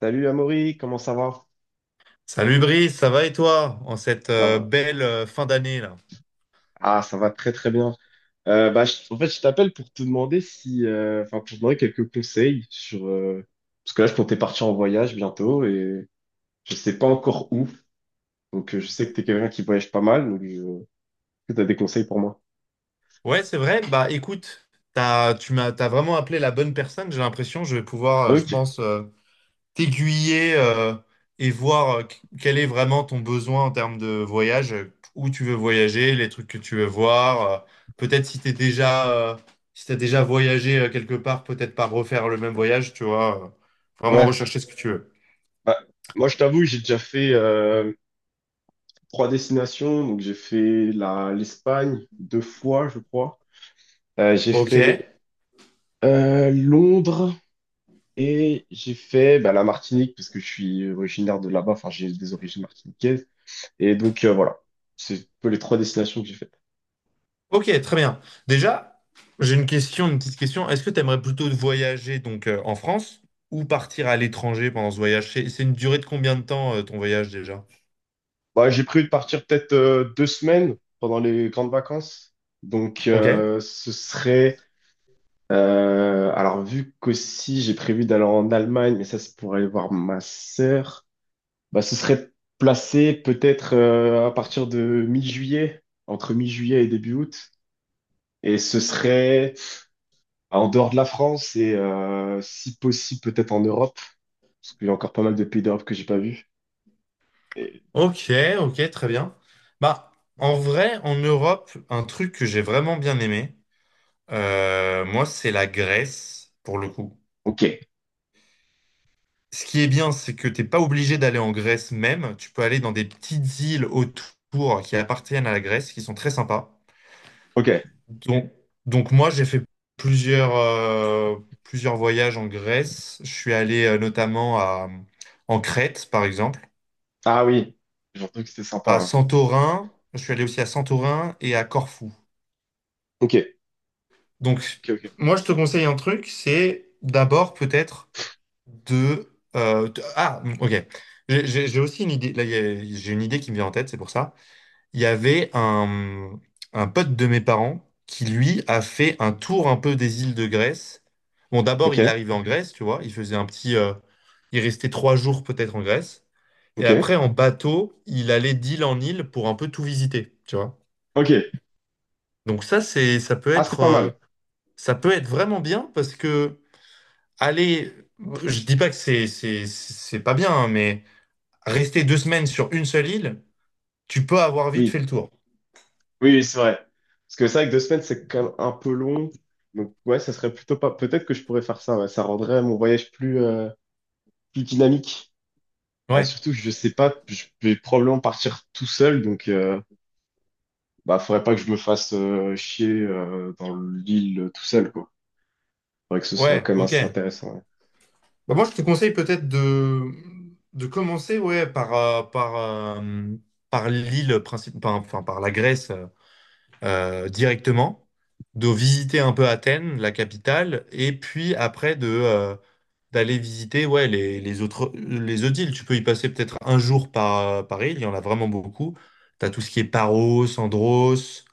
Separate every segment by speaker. Speaker 1: Salut Amaury, comment ça va?
Speaker 2: Salut Brice, ça va et toi en cette
Speaker 1: Ça va.
Speaker 2: belle fin d'année là?
Speaker 1: Ah, ça va très très bien. En fait, je t'appelle pour te demander si, enfin, pour te demander quelques conseils sur, parce que là, je comptais partir en voyage bientôt et je sais pas encore où. Donc, je sais que t'es quelqu'un qui voyage pas mal, donc... tu as des conseils pour moi.
Speaker 2: Ouais, c'est vrai. Bah écoute, t'as vraiment appelé la bonne personne. J'ai l'impression, je vais pouvoir, je
Speaker 1: Ok.
Speaker 2: pense, t'aiguiller et voir quel est vraiment ton besoin en termes de voyage, où tu veux voyager, les trucs que tu veux voir. Peut-être si t'es déjà, si t'as déjà voyagé quelque part, peut-être pas refaire le même voyage, tu vois. Vraiment
Speaker 1: Ouais.
Speaker 2: rechercher ce que tu veux.
Speaker 1: Bah, moi, je t'avoue, j'ai déjà fait 3 destinations. Donc, j'ai fait la l'Espagne 2 fois, je crois. J'ai
Speaker 2: Ok.
Speaker 1: fait Londres. Et j'ai fait bah, la Martinique parce que je suis originaire de là-bas, enfin j'ai des origines martiniquaises. Et donc, voilà, c'est un peu les 3 destinations que j'ai faites.
Speaker 2: Ok, très bien. Déjà, j'ai une question, une petite question. Est-ce que tu aimerais plutôt voyager donc en France ou partir à l'étranger pendant ce voyage? C'est une durée de combien de temps ton voyage déjà?
Speaker 1: Bah, j'ai prévu de partir peut-être 2 semaines pendant les grandes vacances. Donc
Speaker 2: Ok.
Speaker 1: euh, ce serait... alors vu qu'aussi j'ai prévu d'aller en Allemagne, mais ça c'est pour aller voir ma sœur, bah, ce serait placé peut-être à partir de mi-juillet, entre mi-juillet et début août. Et ce serait... Bah, en dehors de la France et si possible peut-être en Europe, parce qu'il y a encore pas mal de pays d'Europe que j'ai pas vu. Et-
Speaker 2: Ok, ok, très bien. Bah, en vrai, en Europe, un truc que j'ai vraiment bien aimé, moi, c'est la Grèce, pour le coup.
Speaker 1: Ok,
Speaker 2: Ce qui est bien, c'est que t'es pas obligé d'aller en Grèce même. Tu peux aller dans des petites îles autour qui appartiennent à la Grèce, qui sont très sympas.
Speaker 1: ok.
Speaker 2: Donc, donc, moi, j'ai fait plusieurs, euh, plusieurs voyages en Grèce. Je suis allé notamment en Crète, par exemple,
Speaker 1: Ah oui, j'ai entendu que c'était sympa,
Speaker 2: à
Speaker 1: hein.
Speaker 2: Santorin. Je suis allé aussi à Santorin et à Corfou.
Speaker 1: Ok,
Speaker 2: Donc,
Speaker 1: ok, ok,
Speaker 2: moi, je te conseille un truc, c'est d'abord peut-être de, Ah, ok. J'ai aussi une idée. Là, j'ai une idée qui me vient en tête, c'est pour ça. Il y avait un pote de mes parents qui, lui, a fait un tour un peu des îles de Grèce. Bon, d'abord,
Speaker 1: ok,
Speaker 2: il arrivait en Grèce, tu vois, il faisait un petit... il restait 3 jours peut-être en Grèce. Et
Speaker 1: ok,
Speaker 2: après, en bateau, il allait d'île en île pour un peu tout visiter, tu vois.
Speaker 1: ok.
Speaker 2: Donc ça,
Speaker 1: Ah, c'est pas mal.
Speaker 2: ça peut être vraiment bien parce que aller, je dis pas que c'est pas bien, hein, mais rester 2 semaines sur une seule île, tu peux avoir vite
Speaker 1: Oui,
Speaker 2: fait le tour.
Speaker 1: oui, oui, c'est vrai. Parce que c'est vrai que 2 semaines, c'est quand même un peu long. Donc ouais, ça serait plutôt pas. Peut-être que je pourrais faire ça, ouais. Ça rendrait mon voyage plus plus dynamique.
Speaker 2: Ouais,
Speaker 1: Surtout, que je sais pas, je vais probablement partir tout seul, donc. Bah, faudrait pas que je me fasse chier dans l'île tout seul, quoi. Faudrait que ce soit
Speaker 2: ouais,
Speaker 1: quand même
Speaker 2: ok.
Speaker 1: assez intéressant.
Speaker 2: Bah, moi, je te conseille peut-être de commencer ouais, par enfin par la Grèce directement, de visiter un peu Athènes, la capitale, et puis après d'aller visiter ouais, les autres îles. Tu peux y passer peut-être un jour par île, il y en a vraiment beaucoup. Tu as tout ce qui est Paros, Andros,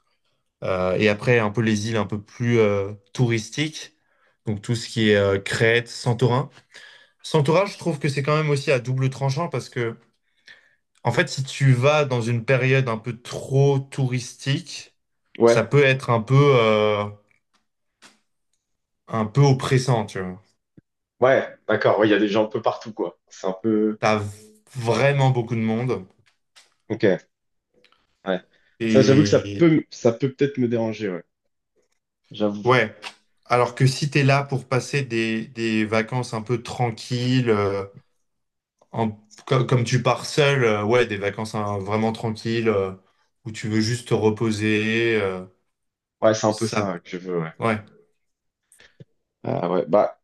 Speaker 2: et après un peu les îles un peu plus touristiques, donc tout ce qui est Crète, Santorin. S'entourage, je trouve que c'est quand même aussi à double tranchant parce que, en fait, si tu vas dans une période un peu trop touristique,
Speaker 1: Ouais,
Speaker 2: ça
Speaker 1: ouais,
Speaker 2: peut être un peu oppressant, tu vois.
Speaker 1: ouais, d'accord. Ouais, il y a des gens un peu partout, quoi. C'est un peu.
Speaker 2: T'as vraiment beaucoup de monde.
Speaker 1: Ok, ouais. Ça, j'avoue que ça
Speaker 2: Et
Speaker 1: peut, ça peut peut-être me déranger, ouais. J'avoue.
Speaker 2: ouais. Alors que si t'es là pour passer des vacances un peu tranquilles, en- comme tu pars seul, ouais, des vacances hein, vraiment tranquilles, où tu veux juste te reposer,
Speaker 1: Ouais, c'est un peu
Speaker 2: ça,
Speaker 1: ça que je veux, ouais.
Speaker 2: ouais.
Speaker 1: Ah ouais, bah,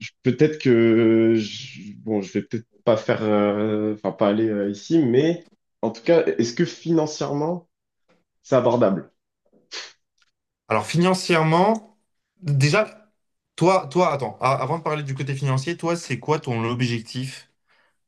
Speaker 1: peut-être que. Je, bon, je vais peut-être pas faire. Enfin, pas aller ici, mais en tout cas, est-ce que financièrement, c'est abordable?
Speaker 2: Alors financièrement, déjà, attends, avant de parler du côté financier, toi, c'est quoi ton objectif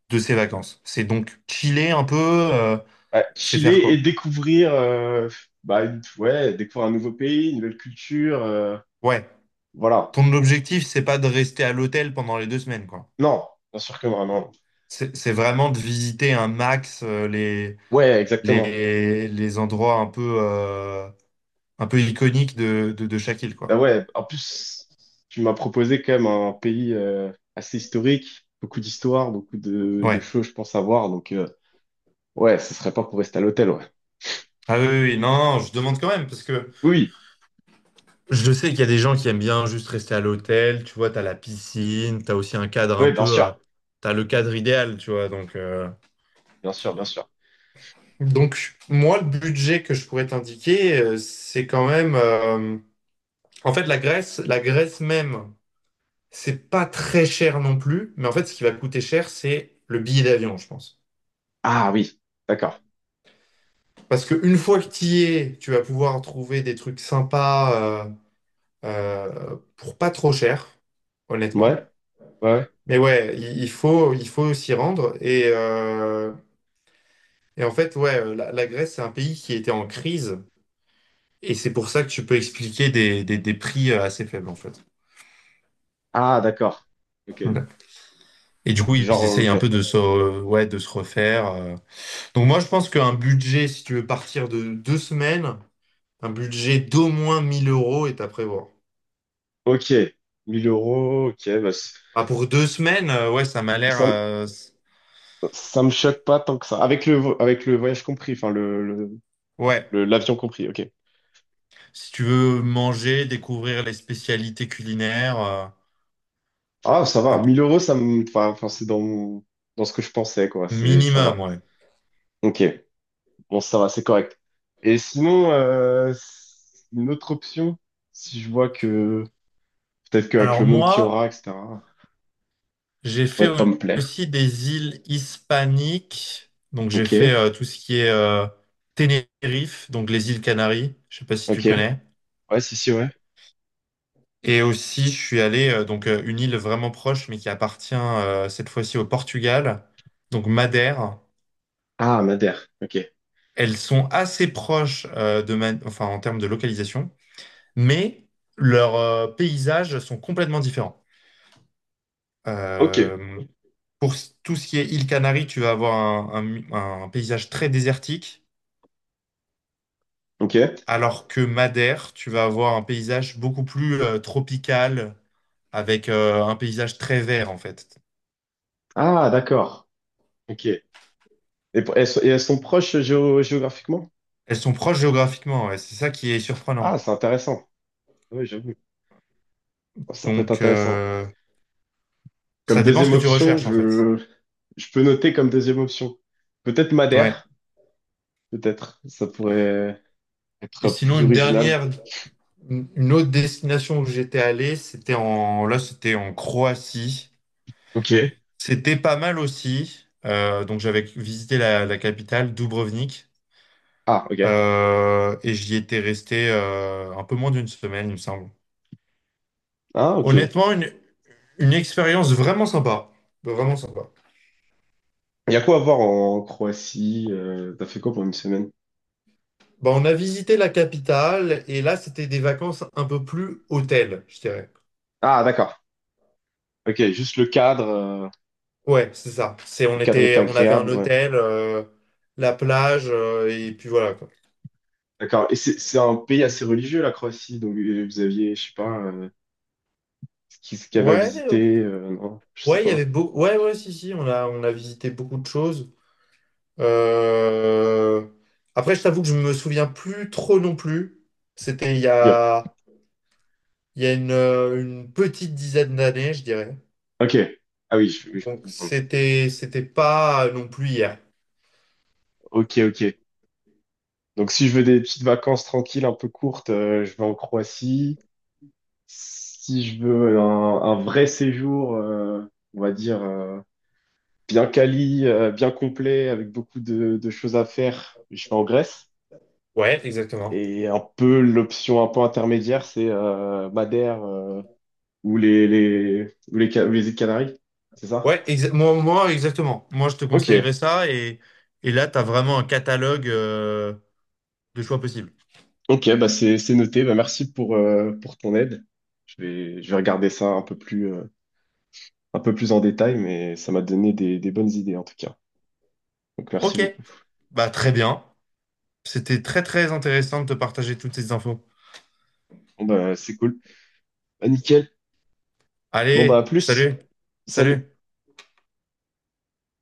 Speaker 2: de ces vacances? C'est donc chiller un peu,
Speaker 1: Ouais,
Speaker 2: c'est faire
Speaker 1: chiller et
Speaker 2: quoi?
Speaker 1: découvrir, euh, bah, ouais, découvrir un nouveau pays, une nouvelle culture,
Speaker 2: Ouais.
Speaker 1: voilà.
Speaker 2: Ton objectif, c'est pas de rester à l'hôtel pendant les 2 semaines, quoi.
Speaker 1: Non, bien sûr que non, non.
Speaker 2: C'est vraiment de visiter un max les,
Speaker 1: Ouais, exactement.
Speaker 2: les, les endroits un un peu iconiques de chaque île,
Speaker 1: Bah
Speaker 2: quoi.
Speaker 1: ouais, en plus, tu m'as proposé quand même un pays assez historique, beaucoup d'histoire, beaucoup de
Speaker 2: Ouais.
Speaker 1: choses, je pense, à voir. Donc, ouais, ce serait pas pour rester à l'hôtel, ouais.
Speaker 2: Ah oui, oui, oui. Non, non, je demande quand même, parce que
Speaker 1: Oui,
Speaker 2: je sais qu'il y a des gens qui aiment bien juste rester à l'hôtel, tu vois, t'as la piscine, t'as aussi un cadre
Speaker 1: oui,
Speaker 2: un
Speaker 1: oui, bien sûr,
Speaker 2: t'as le cadre idéal, tu vois, donc...
Speaker 1: bien sûr, bien sûr.
Speaker 2: Donc, moi, le budget que je pourrais t'indiquer, c'est quand même. En fait, la Grèce même, c'est pas très cher non plus. Mais en fait, ce qui va coûter cher, c'est le billet d'avion, je pense.
Speaker 1: Ah oui, d'accord.
Speaker 2: Parce que une fois que tu y es, tu vas pouvoir trouver des trucs sympas pour pas trop cher, honnêtement.
Speaker 1: Ouais, ouais, ouais.
Speaker 2: Mais ouais, il faut s'y rendre. Et en fait, ouais, la Grèce, c'est un pays qui était en crise. Et c'est pour ça que tu peux expliquer des prix assez faibles, en fait.
Speaker 1: Ah, d'accord. Ok,
Speaker 2: Ok. Et du coup,
Speaker 1: genre,
Speaker 2: ils essayent un
Speaker 1: enlevé.
Speaker 2: peu ouais, de se refaire. Donc moi, je pense qu'un budget, si tu veux partir de 2 semaines, un budget d'au moins 1000 euros est à prévoir.
Speaker 1: Ok, 1000 euros, ok, bah,
Speaker 2: Ah, pour 2 semaines, ouais, ça m'a l'air...
Speaker 1: ça,
Speaker 2: euh, c-
Speaker 1: ça me choque pas tant que ça. Avec le, avec le voyage compris, enfin,
Speaker 2: Ouais,
Speaker 1: l'avion compris, ok.
Speaker 2: si tu veux manger, découvrir les spécialités culinaires,
Speaker 1: Ah, ça
Speaker 2: un
Speaker 1: va. 1000 euros, enfin, enfin, c'est dans dans ce que je pensais, quoi. C'est, ça
Speaker 2: minimum,
Speaker 1: va.
Speaker 2: ouais.
Speaker 1: Ok. Bon, ça va, c'est correct. Et sinon, une autre option, si je vois que, peut-être qu'avec
Speaker 2: Alors
Speaker 1: le monde qu'il y
Speaker 2: moi,
Speaker 1: aura, etc.,
Speaker 2: j'ai fait
Speaker 1: pourrait pas me plaire.
Speaker 2: aussi des îles hispaniques. Donc j'ai fait
Speaker 1: Ok.
Speaker 2: tout ce qui est Tenerife, donc les îles Canaries. Je sais pas si tu
Speaker 1: Ok.
Speaker 2: connais.
Speaker 1: Ouais, si, si, ouais.
Speaker 2: Et aussi, je suis allé une île vraiment proche, mais qui appartient cette fois-ci au Portugal, donc Madère.
Speaker 1: Ah, Madère. Ok.
Speaker 2: Elles sont assez proches enfin en termes de localisation, mais leurs paysages sont complètement différents.
Speaker 1: Ok.
Speaker 2: Euh, Pour tout ce qui est île Canaries, tu vas avoir un paysage très désertique,
Speaker 1: Ok.
Speaker 2: alors que Madère, tu vas avoir un paysage beaucoup plus tropical, avec un paysage très vert en fait.
Speaker 1: Ah, d'accord. Ok. Et, et elles sont proches géographiquement?
Speaker 2: Elles sont proches géographiquement, ouais, c'est ça qui est
Speaker 1: Ah,
Speaker 2: surprenant.
Speaker 1: c'est intéressant. Oui, j'avoue. Ça peut être
Speaker 2: Donc
Speaker 1: intéressant.
Speaker 2: euh, Ça
Speaker 1: Comme
Speaker 2: dépend
Speaker 1: deuxième
Speaker 2: ce que tu
Speaker 1: option,
Speaker 2: recherches en fait.
Speaker 1: je peux noter comme deuxième option. Peut-être
Speaker 2: Ouais.
Speaker 1: Madère, peut-être. Ça pourrait
Speaker 2: Et
Speaker 1: être
Speaker 2: sinon,
Speaker 1: plus original.
Speaker 2: une autre destination où j'étais allé, c'était en Croatie.
Speaker 1: Ok.
Speaker 2: C'était pas mal aussi. Donc j'avais visité la capitale, Dubrovnik.
Speaker 1: Ah, ok.
Speaker 2: Et j'y étais resté un peu moins d'une semaine, il me semble.
Speaker 1: Ah, ok. Il
Speaker 2: Honnêtement, une expérience vraiment sympa. Vraiment sympa.
Speaker 1: y a quoi à voir en Croatie? T'as fait quoi pour une semaine?
Speaker 2: Bah, on a visité la capitale et là, c'était des vacances un peu plus hôtel, je dirais.
Speaker 1: Ah, d'accord. Ok, juste le cadre.
Speaker 2: Ouais, c'est ça.
Speaker 1: Le cadre est
Speaker 2: On avait un
Speaker 1: agréable, ouais.
Speaker 2: hôtel, la plage, et puis voilà, quoi.
Speaker 1: D'accord. Et c'est un pays assez religieux, la Croatie. Donc, vous aviez, je sais pas, ce qu'il y avait à
Speaker 2: Ouais,
Speaker 1: visiter. Non, je sais
Speaker 2: ouais, il y avait
Speaker 1: pas.
Speaker 2: beau... Ouais, ouais, si, si, on a visité beaucoup de choses. Euh, Après, je t'avoue que je me souviens plus trop non plus. C'était il y
Speaker 1: Ok.
Speaker 2: a... Il y a une petite dizaine d'années, je dirais.
Speaker 1: Ok. Ah oui, je
Speaker 2: Donc
Speaker 1: comprends.
Speaker 2: c'était pas non plus hier.
Speaker 1: Ok, ok. Donc, si je veux des petites vacances tranquilles, un peu courtes, je vais en Croatie. Si je veux un vrai séjour, on va dire, bien quali, bien complet, avec beaucoup de choses à faire, je vais en Grèce.
Speaker 2: Ouais, exactement.
Speaker 1: Et un peu l'option un peu intermédiaire, c'est Madère ou ou les, ou les îles Canaries, c'est ça?
Speaker 2: Ouais, exactement. Moi, je te
Speaker 1: Ok,
Speaker 2: conseillerais ça et là, tu as vraiment un catalogue de choix possibles.
Speaker 1: ok, bah c'est noté. Bah merci pour ton aide. Je vais regarder ça un peu plus, un peu plus en détail, mais ça m'a donné des bonnes idées en tout cas. Donc merci
Speaker 2: Ok,
Speaker 1: beaucoup.
Speaker 2: bah très bien. C'était très très intéressant de te partager toutes ces infos.
Speaker 1: Bon bah c'est cool. Bah, nickel. Bon bah à
Speaker 2: Allez,
Speaker 1: plus.
Speaker 2: salut,
Speaker 1: Salut.
Speaker 2: salut.